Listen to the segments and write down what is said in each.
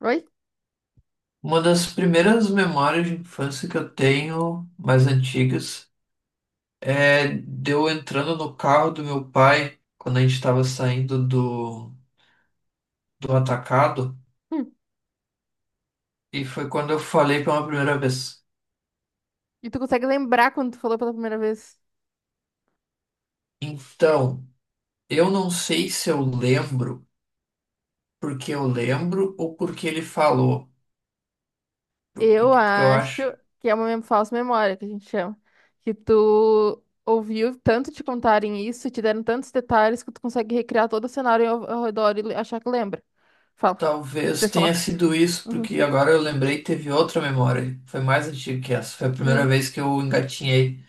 Oi? Uma das primeiras memórias de infância que eu tenho, mais antigas, é de eu entrando no carro do meu pai quando a gente estava saindo do atacado, Hum. e foi quando eu falei pela primeira vez. E tu consegue lembrar quando tu falou pela primeira vez? Então, eu não sei se eu lembro porque eu lembro ou porque ele falou, Eu porque eu acho acho. que é uma falsa memória que a gente chama. Que tu ouviu tanto te contarem isso, te deram tantos detalhes que tu consegue recriar todo o cenário ao redor e achar que lembra. Fala, deixa Talvez eu tenha falar. sido isso, Uhum. porque agora eu lembrei, teve outra memória. Foi mais antiga que essa. Foi a Hum. primeira vez que eu engatinhei.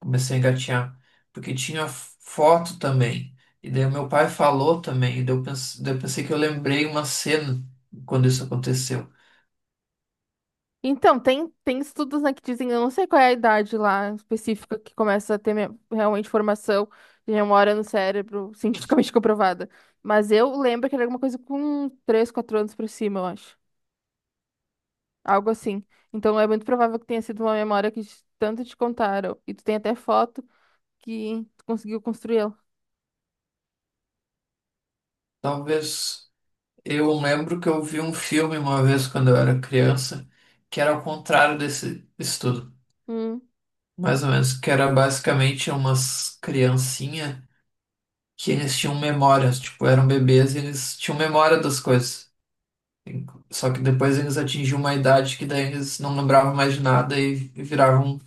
Comecei a engatinhar. Porque tinha foto também. E daí o meu pai falou também. E daí eu pensei que eu lembrei uma cena quando isso aconteceu. Então, tem estudos, né, que dizem, eu não sei qual é a idade lá específica que começa a ter realmente formação de memória no cérebro, cientificamente comprovada. Mas eu lembro que era alguma coisa com 3, 4 anos por cima, eu acho. Algo assim. Então é muito provável que tenha sido uma memória que tanto te contaram. E tu tem até foto que tu conseguiu construir ela. Talvez eu lembro que eu vi um filme uma vez quando eu era criança, que era ao contrário desse estudo. Hum. Mais ou menos, que era basicamente umas criancinhas que eles tinham memórias, tipo, eram bebês e eles tinham memória das coisas. Só que depois eles atingiam uma idade que daí eles não lembravam mais de nada e viravam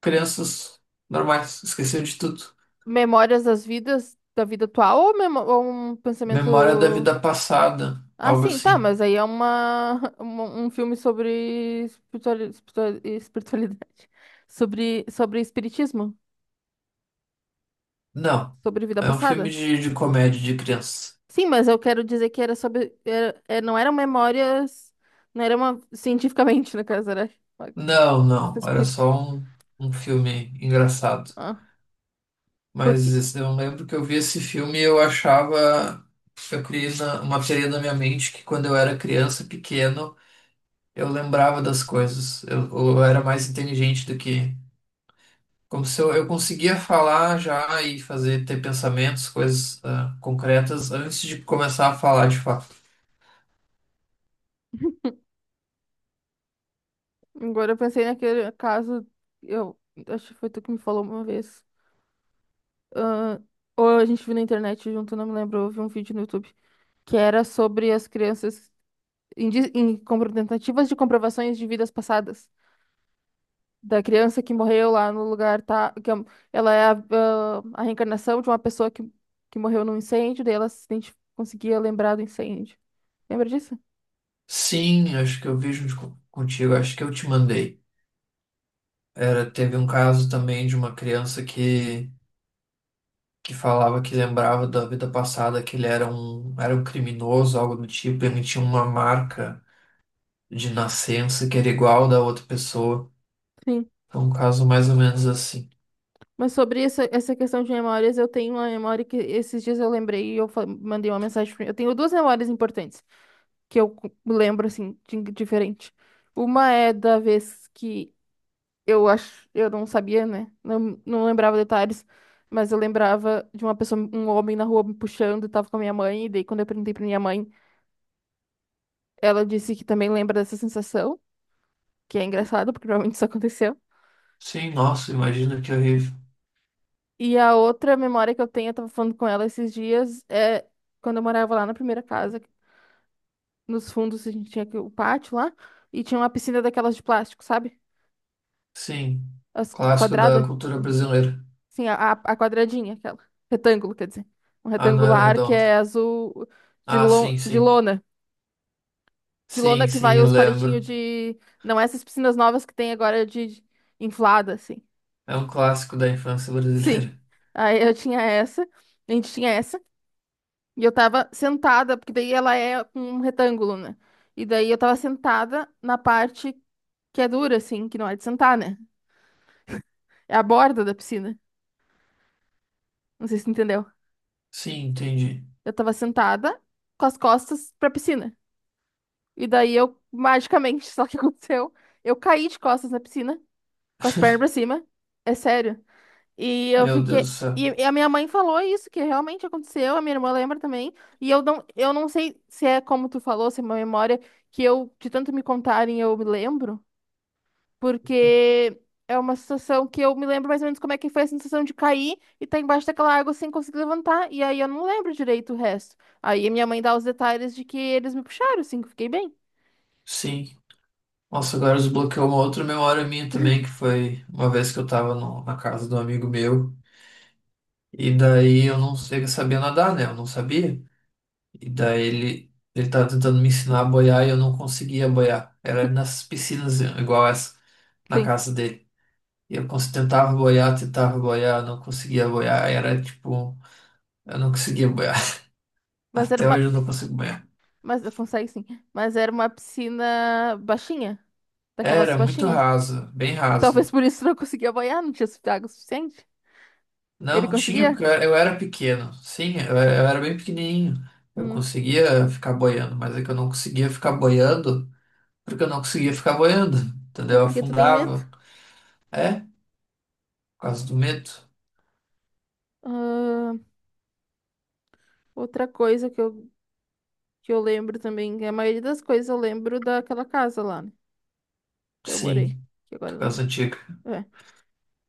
crianças normais, esqueceu de tudo. Memórias das vidas, da vida atual ou um Memória da pensamento. vida passada, Ah, algo sim, tá, assim. mas aí é uma, um filme sobre espiritualidade. Sobre espiritismo. Não, Sobre vida é um filme passada. de comédia de criança. Sim, mas eu quero dizer que era sobre. Era, é, não eram memórias. Não era uma. Cientificamente, no caso, era. uma- Não, era Espírito. só um, um filme engraçado. Ah. Mas Porque esse- eu lembro que eu vi esse filme e eu achava, eu criei na- uma teoria na minha mente que quando eu era criança, pequeno, eu lembrava das coisas. Eu era mais inteligente do que. Como se eu conseguia falar já e fazer, ter pensamentos, coisas, ah, concretas antes de começar a falar de fato. agora eu pensei naquele caso, eu acho que foi tu que me falou uma vez. ah, ou a gente viu na internet junto, não me lembro, eu vi um vídeo no YouTube que era sobre as crianças em tentativas de comprovações de vidas passadas. Da criança que morreu lá no lugar, tá? Ela é a reencarnação de uma pessoa que morreu num incêndio, daí ela se identi- conseguia lembrar do incêndio. Lembra disso? Sim, acho que eu vi junto co- contigo, acho que eu te mandei. Era, teve um caso também de uma criança que falava que lembrava da vida passada que ele era um criminoso, algo do tipo, ele tinha uma marca de nascença que era igual da outra pessoa. Sim. Foi um caso mais ou menos assim. Mas sobre essa questão de memórias, eu tenho uma memória que esses dias eu lembrei e mandei uma mensagem pra. Eu tenho duas memórias importantes. Que eu lembro assim de diferente. Uma é da vez que eu acho, eu não sabia, né? Não, não lembrava detalhes, mas eu lembrava de uma pessoa, um homem na rua me puxando, tava com a minha mãe, e daí quando eu perguntei pra minha mãe, ela disse que também lembra dessa sensação, que é engraçado, porque provavelmente isso aconteceu. Sim, nossa, imagina que horrível. E a outra memória que eu tenho, eu tava falando com ela esses dias, é quando eu morava lá na primeira casa, nos fundos a gente tinha aqui o pátio lá, e tinha uma piscina daquelas de plástico, sabe? Sim, As clássico quadradas. da cultura brasileira. Sim, a quadradinha, aquela. Retângulo, quer dizer. Um Ah, não era retangular que é redonda. azul de, Ah, sim, lo, de sim. lona. De Sim, lona que vai sim, eu os lembro. palitinhos de. Não, essas piscinas novas que tem agora de inflada, assim. É um clássico da infância Sim. brasileira. Aí eu tinha essa, a gente tinha essa, e eu tava sentada, porque daí ela é um retângulo, né? E daí eu tava sentada na parte que é dura, assim, que não é de sentar, né? É a borda da piscina. Não sei se tu entendeu. Sim, entendi. Eu tava sentada com as costas pra piscina. E daí eu, magicamente, só que aconteceu, eu caí de costas na piscina, com as pernas pra cima. É sério. E eu Meu Deus fiquei. do céu. E a minha mãe falou isso, que realmente aconteceu, a minha irmã lembra também. E eu não sei se é como tu falou, se é uma memória que eu, de tanto me contarem, eu me lembro, porque é uma situação que eu me lembro mais ou menos como é que foi a sensação de cair e tá embaixo daquela água sem conseguir levantar. E aí eu não lembro direito o resto. Aí a minha mãe dá os detalhes de que eles me puxaram, assim, que eu fiquei bem. Sim. Nossa, agora desbloqueou uma outra memória minha também, que foi uma vez que eu tava no- na casa de um amigo meu. E daí eu não sei, eu sabia nadar, né? Eu não sabia. E daí ele tava tentando me ensinar a boiar e eu não conseguia boiar. Era nas piscinas igual essa, na Sim. casa dele. E eu cons- tentava boiar, não conseguia boiar. Era tipo. Eu não conseguia boiar. Mas era Até hoje uma. eu não consigo boiar. Mas consegue sim. Mas era uma piscina baixinha. Daquelas Era muito baixinha. raso, bem raso. Talvez por isso não conseguia banhar, não tinha água suficiente. Ele Não tinha, conseguia? porque eu era pequeno. Sim, eu era bem pequenininho. Eu Hum. conseguia ficar boiando, mas é que eu não conseguia ficar boiando porque eu não conseguia ficar boiando. É Entendeu? Eu porque tu tem medo. afundava. É, por causa do medo. Ah, outra coisa que eu lembro também, que a maioria das coisas eu lembro daquela casa lá, né? Que eu morei. Sim, Que agora por não. causa antiga. É.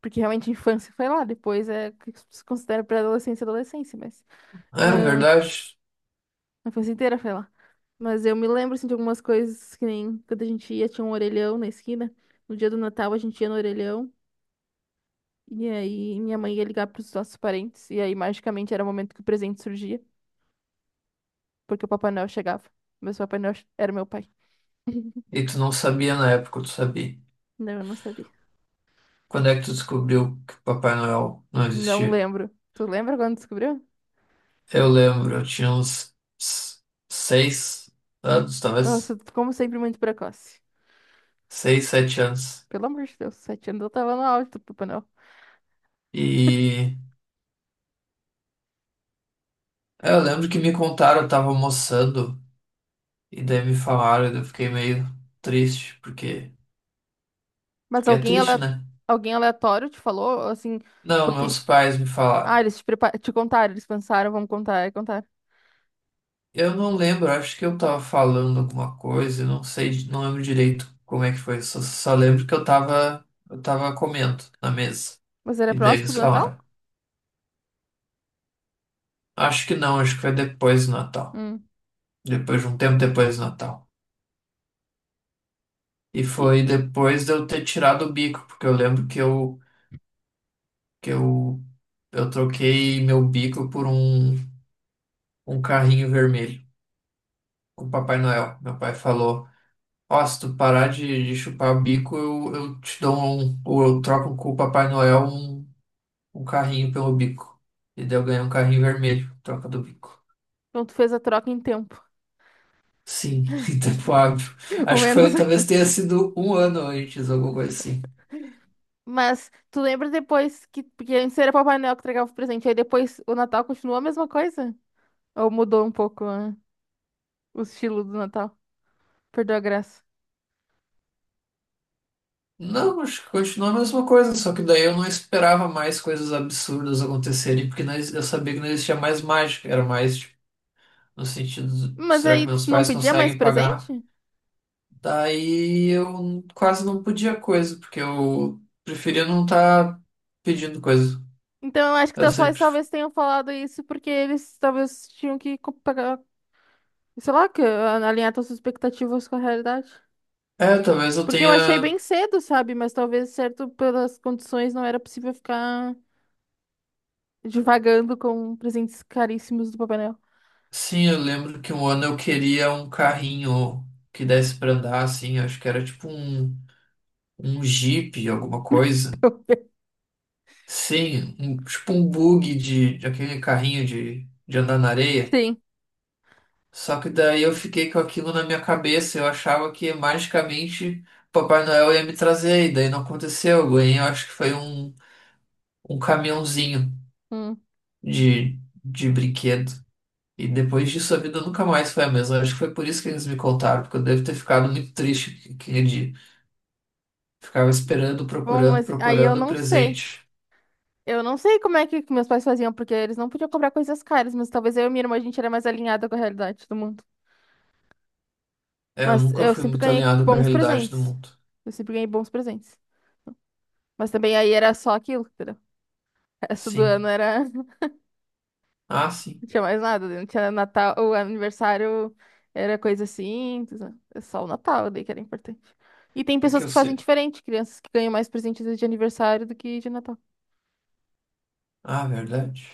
Porque realmente a infância foi lá, depois é que se considera pré-adolescência e adolescência, mas. É ah, verdade. A infância inteira foi lá. Mas eu me lembro, assim, de algumas coisas que nem quando a gente ia, tinha um orelhão na esquina. No dia do Natal, a gente ia no orelhão. E aí, minha mãe ia ligar pros nossos parentes. E aí, magicamente, era o momento que o presente surgia. Porque o Papai Noel chegava. Mas o Papai Noel era meu pai. E tu não sabia na época, tu sabia. Não, eu não sabia. Quando é que tu descobriu que Papai Noel não Não existia? lembro. Tu lembra quando descobriu? Eu lembro, eu tinha uns s- 6 anos, Nossa, talvez. Como sempre, muito precoce. Seis, 7 anos. Pelo amor de Deus, 7 anos eu tava no auge do Papai Noel. E é, eu lembro que me contaram, eu tava almoçando, e daí me falaram, e eu fiquei meio triste, porque, Mas porque é alguém, triste, ale... né? alguém aleatório te falou, assim, Não, porque meus pais me falaram. Eles te contaram, eles pensaram, vamos contar, e contar. Eu não lembro, acho que eu tava falando alguma coisa, eu não sei, di- não lembro direito como é que foi, só, só lembro que eu tava comendo na mesa. Mas era E daí próximo eles do Natal? falaram. Acho que não, acho que foi depois do Natal. Hum. Depois de um tempo depois do Natal. E foi E... depois de eu ter tirado o bico, porque eu lembro que que eu, eu troquei meu bico por um, um carrinho vermelho com o Papai Noel. Meu pai falou: Ó, se tu parar de chupar o bico, eu te dou um, ou eu troco com o Papai Noel um, um carrinho pelo bico. E daí eu ganhei um carrinho vermelho, troca do bico. Então tu fez a troca em tempo. Sim, em tempo hábil. Acho que Momentos. foi, talvez tenha sido um ano antes, alguma coisa assim. Mas tu lembra depois que. Porque antes era Papai Noel que entregava o presente. Aí depois o Natal continuou a mesma coisa? Ou mudou um pouco, né, o estilo do Natal? Perdeu a graça. Não, acho que continua a mesma coisa, só que daí eu não esperava mais coisas absurdas acontecerem, porque não ex- eu sabia que não existia mais mágica, era mais tipo, no sentido, do, Mas será que aí tu meus não pais pedia mais conseguem pagar? presente? Daí eu quase não podia coisa, porque eu preferia não estar pedindo coisa. Então eu acho que Eu teus pais sempre. talvez tenham falado isso porque eles talvez tinham que pagar, sei lá, que alinhar suas expectativas com a realidade. É, talvez eu Porque eu achei bem tenha. cedo, sabe? Mas talvez, certo, pelas condições, não era possível ficar divagando com presentes caríssimos do Papai Noel. Sim, eu lembro que um ano eu queria um carrinho que desse pra andar, assim, acho que era tipo um, um Jeep, alguma coisa. Sim, um, tipo um bug de aquele carrinho de andar na areia. Sim. Só que daí eu fiquei com aquilo na minha cabeça. Eu achava que magicamente Papai Noel ia me trazer, e daí não aconteceu. Eu ganhei, eu acho que foi um, um caminhãozinho Hum. de, de brinquedo. E depois disso a vida nunca mais foi a mesma. Eu acho que foi por isso que eles me contaram, porque eu devo ter ficado muito triste aquele dia. Ficava esperando, Bom, procurando, mas aí eu procurando o não sei. presente. Eu não sei como é que meus pais faziam, porque eles não podiam comprar coisas caras, mas talvez eu e minha irmã a gente era mais alinhada com a realidade do mundo. É, eu Mas nunca eu fui sempre muito ganhei alinhado com a bons realidade do presentes. mundo. Eu sempre ganhei bons presentes. Mas também aí era só aquilo, entendeu? O resto do Sim. ano era. Ah, sim. Não tinha mais nada, não tinha Natal, o aniversário era coisa assim, é só o Natal daí que era importante. E tem É que pessoas eu que fazem sei. diferente, crianças que ganham mais presentes de aniversário do que de Natal. Ah, verdade.